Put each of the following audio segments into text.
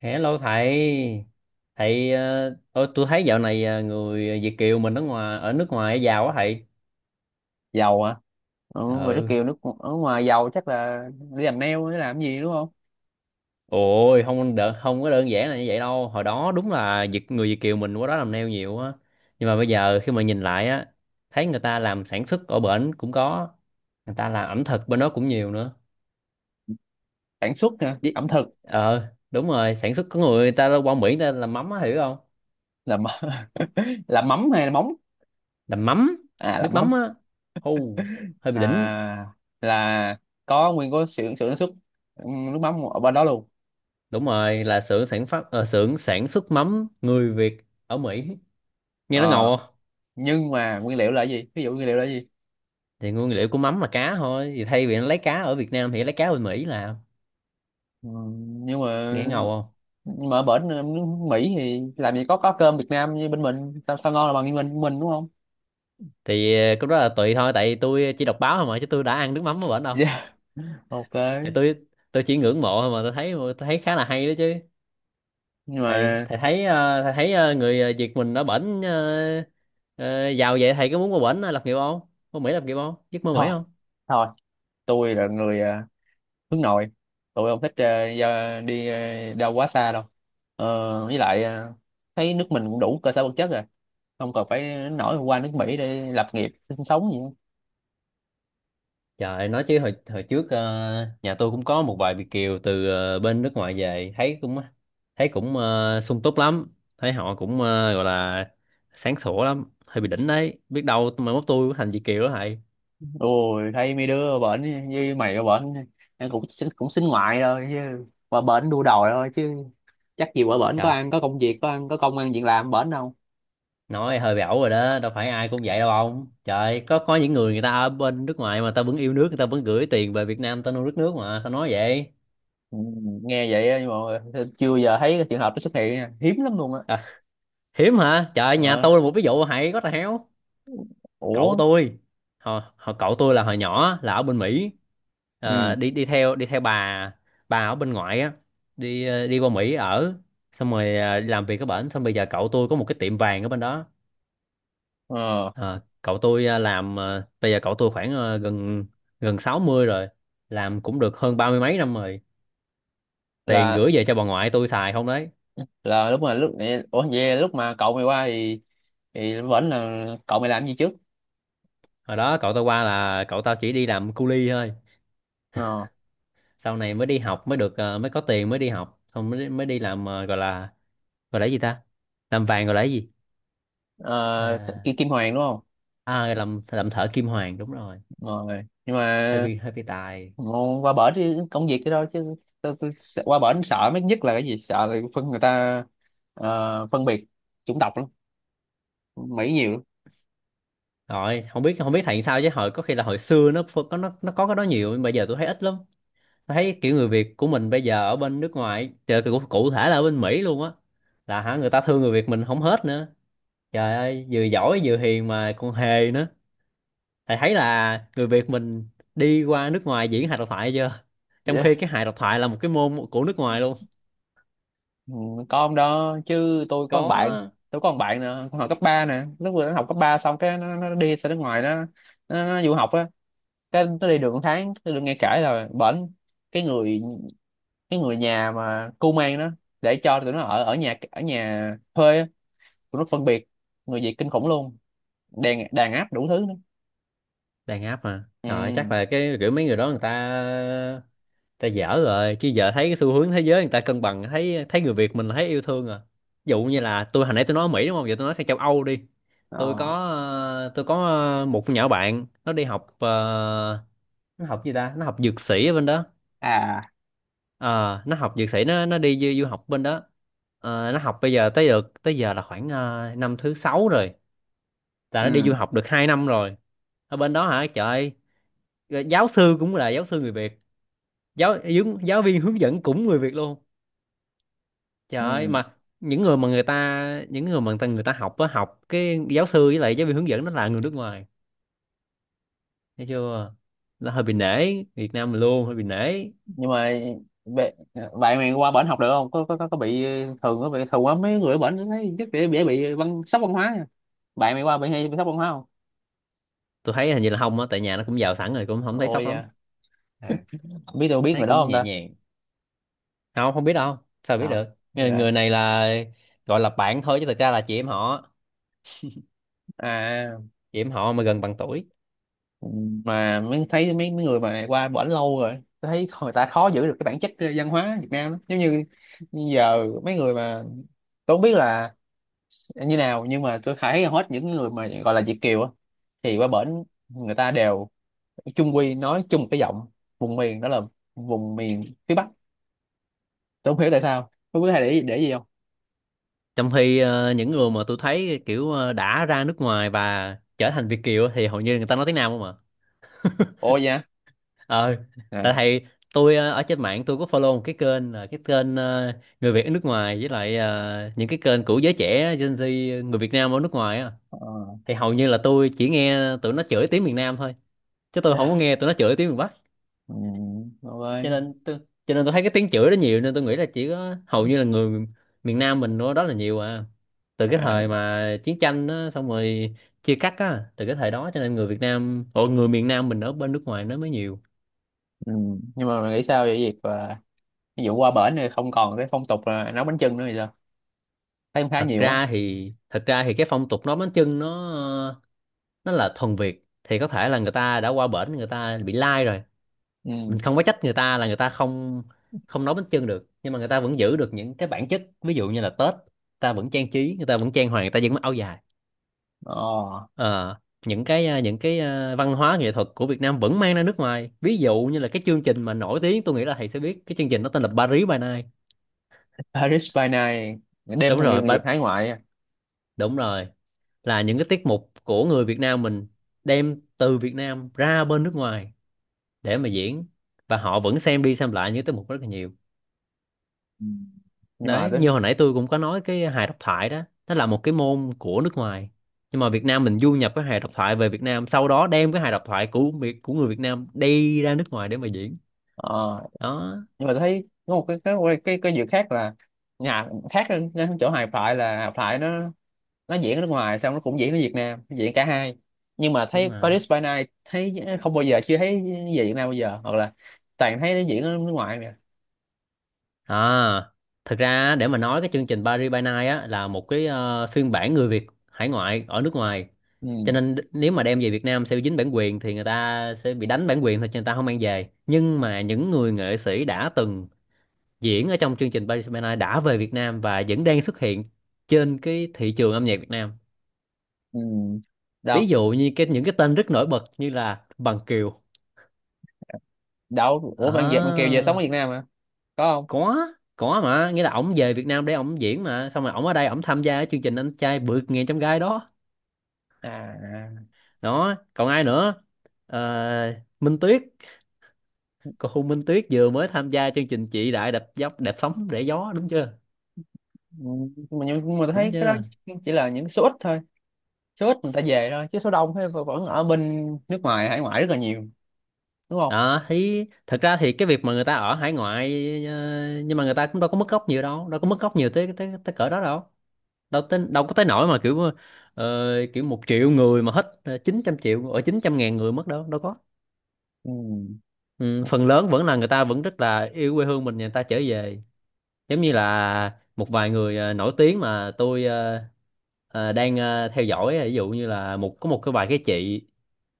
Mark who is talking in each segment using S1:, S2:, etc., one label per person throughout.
S1: Hello thầy. Thầy, ôi, tôi thấy dạo này, người Việt kiều mình ở nước ngoài giàu quá thầy.
S2: Dầu hả? Người nước
S1: Ừ,
S2: kiều nước ở ngoài giàu chắc là đi làm nail để làm gì đúng không?
S1: ôi, không có đơn giản là như vậy đâu. Hồi đó đúng là người Việt kiều mình qua đó làm neo nhiều á, nhưng mà bây giờ khi mà nhìn lại á, thấy người ta làm sản xuất ở bển cũng có, người ta làm ẩm thực bên đó cũng nhiều nữa.
S2: Sản xuất nè
S1: Chứ-
S2: ẩm thực.
S1: ờ đúng rồi, sản xuất có người ta qua Mỹ người ta làm mắm á, hiểu không?
S2: Làm làm mắm hay là móng?
S1: Làm mắm,
S2: À,
S1: nước
S2: làm mắm.
S1: mắm á. Hù, hơi bị đỉnh.
S2: À, là có nguyên có xưởng xưởng sản xuất, ừ, nước mắm ở bên đó luôn.
S1: Đúng rồi, là xưởng sản xuất mắm người Việt ở Mỹ, nghe nó
S2: Ờ,
S1: ngầu không?
S2: nhưng mà nguyên liệu là gì, ví dụ nguyên liệu là gì?
S1: Thì nguyên liệu của mắm là cá thôi, thì thay vì nó lấy cá ở Việt Nam thì nó lấy cá bên Mỹ làm,
S2: ừ, nhưng mà
S1: nghe ngầu không?
S2: nhưng mà ở bển, nước Mỹ thì làm gì có cơm Việt Nam như bên mình, sao sao ngon là bằng như mình đúng không?
S1: Thì cái đó là tùy thôi, tại vì tôi chỉ đọc báo thôi mà, chứ tôi đã ăn nước mắm ở bển đâu.
S2: Dạ, ok.
S1: Thì Tôi chỉ ngưỡng mộ thôi mà, tôi thấy khá là hay đó chứ.
S2: Nhưng
S1: thầy
S2: mà
S1: thầy thấy, Việt mình ở bển, giàu vậy thầy có muốn qua bển lập nghiệp không? Qua Mỹ lập nghiệp không, giấc mơ Mỹ
S2: thôi,
S1: không?
S2: thôi, tôi là người hướng nội. Tụi không thích đi đâu quá xa đâu. Với lại, thấy nước mình cũng đủ cơ sở vật chất rồi, không cần phải nổi qua nước Mỹ để lập nghiệp sinh sống gì hết.
S1: Trời ơi, nói chứ hồi hồi trước, nhà tôi cũng có một vài Việt kiều từ bên nước ngoài về, thấy cũng sung túc lắm, thấy họ cũng, gọi là sáng sủa lắm, hơi bị đỉnh đấy. Biết đâu mai mốt tôi cũng thành Việt kiều đó thầy.
S2: Ôi, thấy mấy đứa bệnh như mày ở bệnh em cũng cũng xin ngoại thôi chứ, qua bệnh đua đòi thôi chứ, chắc gì qua bệnh có
S1: Trời,
S2: ăn có công việc có ăn có công ăn việc làm bệnh đâu.
S1: nói hơi bị ẩu rồi đó, đâu phải ai cũng vậy đâu ông trời. Có những người người ta ở bên nước ngoài mà ta vẫn yêu nước, người ta vẫn gửi tiền về Việt Nam ta nuôi đất nước mà, sao nói vậy?
S2: Ừ, nghe vậy á, nhưng mà chưa giờ thấy cái trường hợp nó xuất hiện nha. Hiếm lắm luôn á.
S1: À, hiếm hả trời, nhà
S2: Ờ.
S1: tôi là một ví dụ thầy, có tài héo.
S2: Ủa,
S1: Cậu tôi, họ họ cậu tôi là hồi nhỏ là ở bên Mỹ. Ờ,
S2: ừ,
S1: đi đi theo bà ở bên ngoại á, đi, đi qua Mỹ ở, xong rồi, đi làm việc ở bển, xong bây giờ cậu tôi có một cái tiệm vàng ở bên đó.
S2: ờ,
S1: Ờ, cậu tôi, làm, bây giờ cậu tôi khoảng, gần gần 60 rồi, làm cũng được hơn 30 mấy năm rồi, tiền
S2: là
S1: gửi về cho bà ngoại tôi xài không đấy.
S2: là lúc mà lúc, ủa vậy lúc mà cậu mày qua thì vẫn là cậu mày làm gì trước?
S1: Hồi đó cậu tao qua là cậu tao chỉ đi làm cu li thôi,
S2: Ờ,
S1: sau này mới đi học, mới được, mới có tiền mới đi học, xong mới mới đi làm, gọi là, gọi là gì ta, làm vàng gọi là gì?
S2: ờ,
S1: à,
S2: Kim Hoàng đúng không?
S1: À, làm thợ kim hoàn, đúng rồi.
S2: Rồi nhưng
S1: Hơi
S2: mà
S1: bị, tài.
S2: ngon qua bển đi công việc cái đó chứ. Qua bển sợ mấy nhất là cái gì, sợ là phân người ta, phân biệt chủng tộc lắm, Mỹ nhiều lắm.
S1: Rồi, không biết, thầy sao chứ hồi, có khi là hồi xưa nó có nó có cái đó nhiều, nhưng bây giờ tôi thấy ít lắm. Tôi thấy kiểu người Việt của mình bây giờ ở bên nước ngoài, trời, cụ thể là ở bên Mỹ luôn á, là hả, người ta thương người Việt mình không hết nữa. Trời ơi, vừa giỏi vừa hiền mà còn hề nữa. Thầy thấy là người Việt mình đi qua nước ngoài diễn hài độc thoại chưa? Trong khi
S2: Dạ.
S1: cái hài độc thoại là một cái môn của nước ngoài luôn.
S2: Ừ, có ông đó chứ. tôi có một bạn
S1: Có.
S2: tôi có một bạn nè, con học cấp 3 nè, lúc vừa nó học cấp 3 xong cái nó đi ra nước ngoài nó, nó du học á, cái nó đi được một tháng tôi được nghe kể là bển, cái người cái người nhà mà cu mang đó để cho tụi nó ở ở nhà thuê á, tụi nó phân biệt người Việt kinh khủng luôn, đàn đàn áp đủ thứ nữa.
S1: Đang áp mà,
S2: Ừ.
S1: rồi chắc là cái kiểu mấy người đó người ta ta dở rồi, chứ giờ thấy cái xu hướng thế giới người ta cân bằng, thấy thấy người Việt mình là thấy yêu thương à. Ví dụ như là tôi hồi nãy tôi nói ở Mỹ đúng không, giờ tôi nói sang châu Âu đi.
S2: Ờ.
S1: Tôi có, một con nhỏ bạn nó đi học, nó học gì ta, nó học dược sĩ ở bên đó.
S2: À.
S1: Ờ, nó học dược sĩ, du học bên đó. Ờ, nó học bây giờ tới giờ là khoảng, năm thứ sáu rồi, là nó đi du
S2: Ừ.
S1: học được 2 năm rồi. Ở bên đó hả, trời ơi, giáo sư cũng là giáo sư người Việt, giáo giáo giáo viên hướng dẫn cũng người Việt luôn. Trời
S2: Ừ.
S1: ơi, mà những người mà người ta những người mà người ta học á, học cái giáo sư với lại giáo viên hướng dẫn nó là người nước ngoài. Thấy chưa, nó hơi bị nể Việt Nam mình luôn, hơi bị nể.
S2: Nhưng mà bệ- bạn mày qua bển học được không, có có bị thường, có bị thường quá mấy người ở bển thấy chắc dễ dễ bị văn sốc văn hóa nha. Bạn mày qua bị hay bị sốc văn hóa không?
S1: Tôi thấy hình như là không á, tại nhà nó cũng giàu sẵn rồi, cũng không thấy
S2: Ôi
S1: sốc
S2: da,
S1: lắm. À,
S2: biết tôi biết
S1: thấy
S2: người đó
S1: cũng
S2: không
S1: nhẹ
S2: ta?
S1: nhàng. Không, không biết đâu, sao biết
S2: Ờ,
S1: được.
S2: ok.
S1: Người này là gọi là bạn thôi, chứ thực ra là chị em họ,
S2: À,
S1: chị em họ mà gần bằng tuổi.
S2: mà mới thấy mấy mấy người mà qua bển lâu rồi tôi thấy người ta khó giữ được cái bản chất, văn hóa Việt Nam lắm, giống như giờ mấy người mà tôi không biết là như nào, nhưng mà tôi thấy hầu hết những người mà gọi là Việt kiều á thì qua bển người ta đều chung quy nói chung một cái giọng vùng miền, đó là vùng miền phía Bắc. Tôi không hiểu tại sao, không biết hay để gì không.
S1: Trong khi, những người mà tôi thấy kiểu, đã ra nước ngoài và trở thành Việt kiều thì hầu như người ta nói tiếng Nam không à.
S2: Ồ dạ.
S1: Ờ, tại
S2: À.
S1: thầy, tôi, ở trên mạng tôi có follow một cái kênh, là cái kênh, người Việt ở nước ngoài với lại, những cái kênh của giới trẻ Gen Z, người Việt Nam ở nước ngoài á.
S2: Ờ.
S1: Thì hầu như là tôi chỉ nghe tụi nó chửi tiếng miền Nam thôi, chứ tôi không có nghe tụi nó chửi tiếng miền Bắc.
S2: Ừ, đúng
S1: cho
S2: rồi.
S1: nên tôi cho nên tôi thấy cái tiếng chửi đó nhiều, nên tôi nghĩ là chỉ có hầu như là người miền Nam mình đó là nhiều à. Từ cái
S2: À.
S1: thời mà chiến tranh á, xong rồi chia cắt á, từ cái thời đó cho nên người miền Nam mình ở bên nước ngoài nó mới nhiều.
S2: Ừ. Nhưng mà mày nghĩ sao về việc mà ví dụ qua bển thì không còn cái phong tục là nấu bánh chưng nữa thì sao, thấy cũng khá
S1: thật
S2: nhiều á.
S1: ra thì thật ra thì cái phong tục bánh chưng nó là thuần Việt, thì có thể là người ta đã qua bển người ta bị lai rồi. Mình
S2: Ừ.
S1: không có trách người ta là người ta không không nấu bánh chưng được, nhưng mà người ta vẫn giữ được những cái bản chất, ví dụ như là Tết người ta vẫn trang trí, người ta vẫn trang hoàng, người ta vẫn mặc áo dài.
S2: Ờ.
S1: Ờ, những cái, văn hóa nghệ thuật của Việt Nam vẫn mang ra nước ngoài, ví dụ như là cái chương trình mà nổi tiếng tôi nghĩ là thầy sẽ biết, cái chương trình nó tên là Paris by Night.
S2: Paris by Night, đêm
S1: Đúng
S2: người người
S1: rồi ba,
S2: Việt hải ngoại á.
S1: đúng rồi, là những cái tiết mục của người Việt Nam mình đem từ Việt Nam ra bên nước ngoài để mà diễn, và họ vẫn xem đi xem lại những tiết mục rất là nhiều.
S2: Ừ. Nhưng mà
S1: Đấy,
S2: tôi,
S1: như hồi nãy tôi cũng có nói cái hài độc thoại đó, nó là một cái môn của nước ngoài, nhưng mà Việt Nam mình du nhập cái hài độc thoại về Việt Nam, sau đó đem cái hài độc thoại của của người Việt Nam đi ra nước ngoài để mà diễn.
S2: ờ,
S1: Đó.
S2: nhưng mà tôi thấy có một cái cái việc khác là nhà khác hơn cái chỗ Hà Phại, là Hà Phại nó diễn ở nước ngoài xong nó cũng diễn ở Việt Nam, diễn cả hai. Nhưng mà
S1: Đúng
S2: thấy
S1: rồi.
S2: Paris by Night thấy không bao giờ, chưa thấy về Việt Nam bao giờ, hoặc là toàn thấy nó diễn ở nước ngoài mà.
S1: À, thực ra á, để mà nói cái chương trình Paris by Night á là một cái, phiên bản người Việt hải ngoại ở nước ngoài.
S2: Ừ.
S1: Cho nên nếu mà đem về Việt Nam sẽ dính bản quyền, thì người ta sẽ bị đánh bản quyền thôi cho người ta không mang về. Nhưng mà những người nghệ sĩ đã từng diễn ở trong chương trình Paris by Night đã về Việt Nam và vẫn đang xuất hiện trên cái thị trường âm nhạc Việt Nam.
S2: Ừ. Đâu,
S1: Ví dụ như những cái tên rất nổi bật như là Bằng Kiều.
S2: đâu, ủa bạn Việt bạn Kiều về sống ở
S1: À.
S2: Việt Nam mà, có không?
S1: có có mà nghĩa là ổng về Việt Nam để ổng diễn, mà xong rồi ổng ở đây ổng tham gia cái chương trình Anh Trai Vượt Ngàn Chông Gai đó.
S2: À.
S1: Đó, còn ai nữa? Ờ, Minh Tuyết, cô Hùng Minh Tuyết vừa mới tham gia chương trình Chị Đại Đạp Dốc Đạp Sóng Rẽ Gió đúng chưa,
S2: ừ, nhưng mà nhưng mà tôi
S1: đúng
S2: thấy cái đó
S1: chưa?
S2: chỉ là những số ít thôi, số ít người ta về thôi, chứ số đông thì vẫn vẫn ở bên nước ngoài hải ngoại rất là nhiều, đúng không?
S1: Đó, thì thật ra thì cái việc mà người ta ở hải ngoại, ờ, nhưng mà người ta cũng đâu có mất gốc nhiều đâu, đâu có mất gốc nhiều tới, tới cỡ đó đâu, đâu có tới nỗi mà kiểu, ờ, kiểu 1 triệu người mà hết, 900 ngàn người mất, đâu đâu có.
S2: Ừ.
S1: Ừ, phần lớn vẫn là người ta vẫn rất là yêu quê hương mình, người ta trở về. Giống như là một vài người, nổi tiếng mà tôi, đang, theo dõi, ví dụ như là một cái vài cái chị,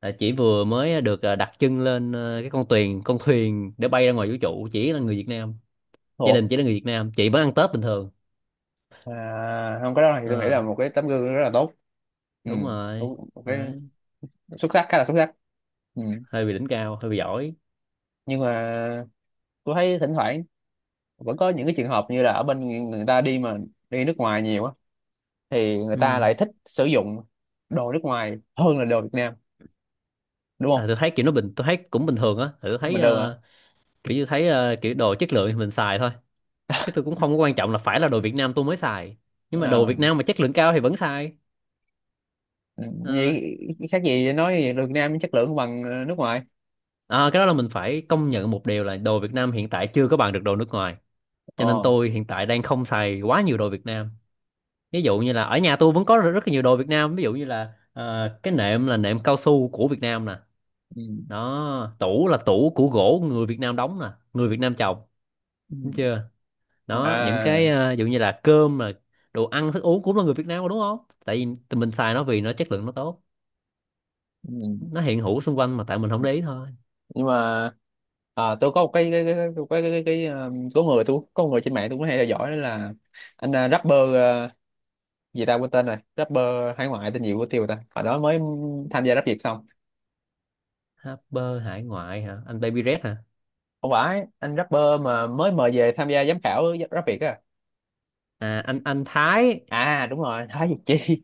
S1: chỉ vừa mới được, đặt chân lên, cái con thuyền để bay ra ngoài vũ trụ, chỉ là người Việt Nam, gia
S2: Ủa.
S1: đình chỉ là người Việt Nam, chị vẫn ăn Tết bình thường.
S2: À, không, cái đó thì tôi nghĩ là
S1: Ờ,
S2: một cái tấm gương rất là tốt. Ừ.
S1: đúng rồi.
S2: Một một cái
S1: Đấy.
S2: xuất sắc, khá là xuất sắc. Ừ.
S1: Hơi bị đỉnh cao, hơi bị giỏi.
S2: Nhưng mà tôi thấy thỉnh thoảng vẫn có những cái trường hợp như là ở bên người ta đi mà đi nước ngoài nhiều á thì người ta
S1: Ừ.
S2: lại thích sử dụng đồ nước ngoài hơn là đồ Việt Nam, đúng
S1: À,
S2: không?
S1: tôi thấy kiểu nó bình tôi thấy cũng bình thường á, tôi thấy,
S2: Mình được hả?
S1: kiểu như thấy, kiểu đồ chất lượng thì mình xài thôi. Thế tôi cũng không có quan trọng là phải là đồ Việt Nam tôi mới xài. Nhưng mà đồ Việt
S2: À.
S1: Nam mà chất lượng cao thì vẫn xài.
S2: Ừ,
S1: Ờ,
S2: vậy khác gì nói vậy, Việt Nam chất lượng bằng nước ngoài.
S1: à, cái đó là mình phải công nhận một điều là đồ Việt Nam hiện tại chưa có bằng được đồ nước ngoài. Cho nên
S2: Ờ.
S1: tôi hiện tại đang không xài quá nhiều đồ Việt Nam. Ví dụ như là ở nhà tôi vẫn có rất là nhiều đồ Việt Nam. Ví dụ như là, cái nệm là nệm cao su của Việt Nam nè.
S2: Ừ.
S1: Đó, tủ là tủ của gỗ người Việt Nam đóng nè, người Việt Nam trồng,
S2: Ừ.
S1: đúng chưa? Đó, những cái,
S2: À.
S1: ví dụ như là cơm là đồ ăn thức uống cũng là người Việt Nam mà đúng không? Tại vì tụi mình xài nó vì nó chất lượng nó tốt,
S2: Ừ.
S1: nó hiện hữu xung quanh mà tại mình không để ý thôi.
S2: Nhưng mà à, tôi có một cái cái có người, tôi có người trên mạng tôi cũng hay theo dõi, đó là anh, rapper, gì ta, quên tên rồi, rapper hải ngoại tên gì của tiêu ta, hồi đó mới tham gia Rap Việt xong,
S1: Harper hải ngoại hả, anh Baby Red hả?
S2: không phải, anh rapper mà mới mời về tham gia giám khảo Rap Việt á.
S1: À, anh Thái,
S2: À, đúng rồi, Thái Việt Chi.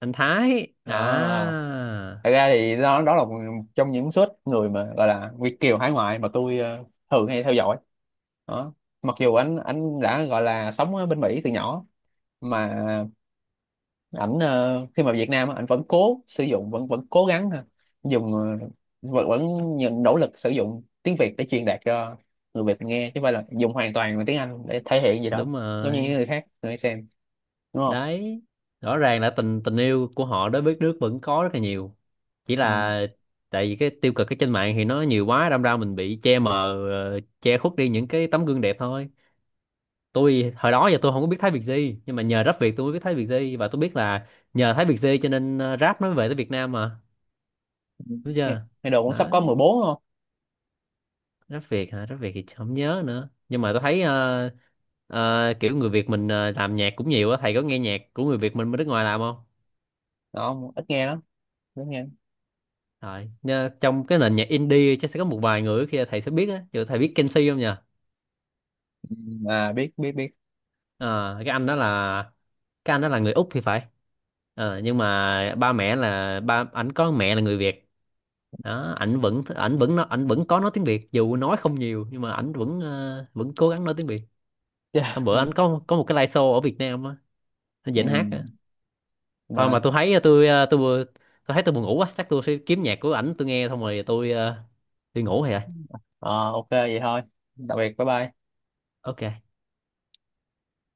S1: anh Thái
S2: Đó. À.
S1: à?
S2: Thật ra thì đó, đó là một trong những suất người mà gọi là Việt kiều hải ngoại mà tôi, thường hay theo dõi. Đó, mặc dù anh đã gọi là sống ở bên Mỹ từ nhỏ, mà ảnh, khi mà Việt Nam á, ảnh vẫn cố sử dụng, vẫn vẫn cố gắng ha, dùng, vẫn vẫn nhận nỗ lực sử dụng tiếng Việt để truyền đạt cho người Việt nghe, chứ không phải là dùng hoàn toàn bằng tiếng Anh để thể hiện gì đó
S1: Đúng
S2: giống như những
S1: rồi.
S2: người khác người xem, đúng không?
S1: Đấy, rõ ràng là tình tình yêu của họ đối với nước vẫn có rất là nhiều, chỉ là
S2: Ừ.
S1: tại vì cái tiêu cực ở trên mạng thì nó nhiều quá, đâm ra mình bị che mờ, che khuất đi những cái tấm gương đẹp thôi. Tôi hồi đó giờ tôi không có biết Thái Việt gì, nhưng mà nhờ Rap Việt tôi mới biết Thái Việt gì, và tôi biết là nhờ Thái Việt gì cho nên, rap nó mới về tới Việt Nam mà, đúng
S2: Nghe,
S1: chưa?
S2: nghe đồn cũng
S1: Đó.
S2: sắp có 14 đúng không?
S1: Rap Việt hả, Rap Việt thì không nhớ nữa, nhưng mà tôi thấy, kiểu người Việt mình, làm nhạc cũng nhiều á, thầy có nghe nhạc của người Việt mình bên nước ngoài làm không?
S2: Đó, ít nghe lắm, ít nghe.
S1: Rồi nha, trong cái nền nhạc indie chắc sẽ có một vài người khi thầy sẽ biết á. Ví thầy biết Kenzie không nhỉ?
S2: Ừ, à, biết biết biết.
S1: Ờ, cái anh đó là người Úc thì phải. Ờ, nhưng mà ba mẹ là ảnh có mẹ là người Việt. Đó, ảnh vẫn có nói tiếng Việt, dù nói không nhiều, nhưng mà ảnh vẫn, vẫn cố gắng nói tiếng Việt.
S2: Yeah.
S1: Hôm bữa ảnh có một cái live show ở Việt Nam á, ảnh
S2: Ừ.
S1: dẫn hát. Thôi
S2: Mà
S1: mà tôi thấy, tôi thấy tôi buồn ngủ quá, chắc tôi sẽ kiếm nhạc của ảnh tôi nghe, xong rồi tôi, đi ngủ rồi.
S2: ờ, ok vậy thôi, tạm biệt, bye bye.
S1: Ok.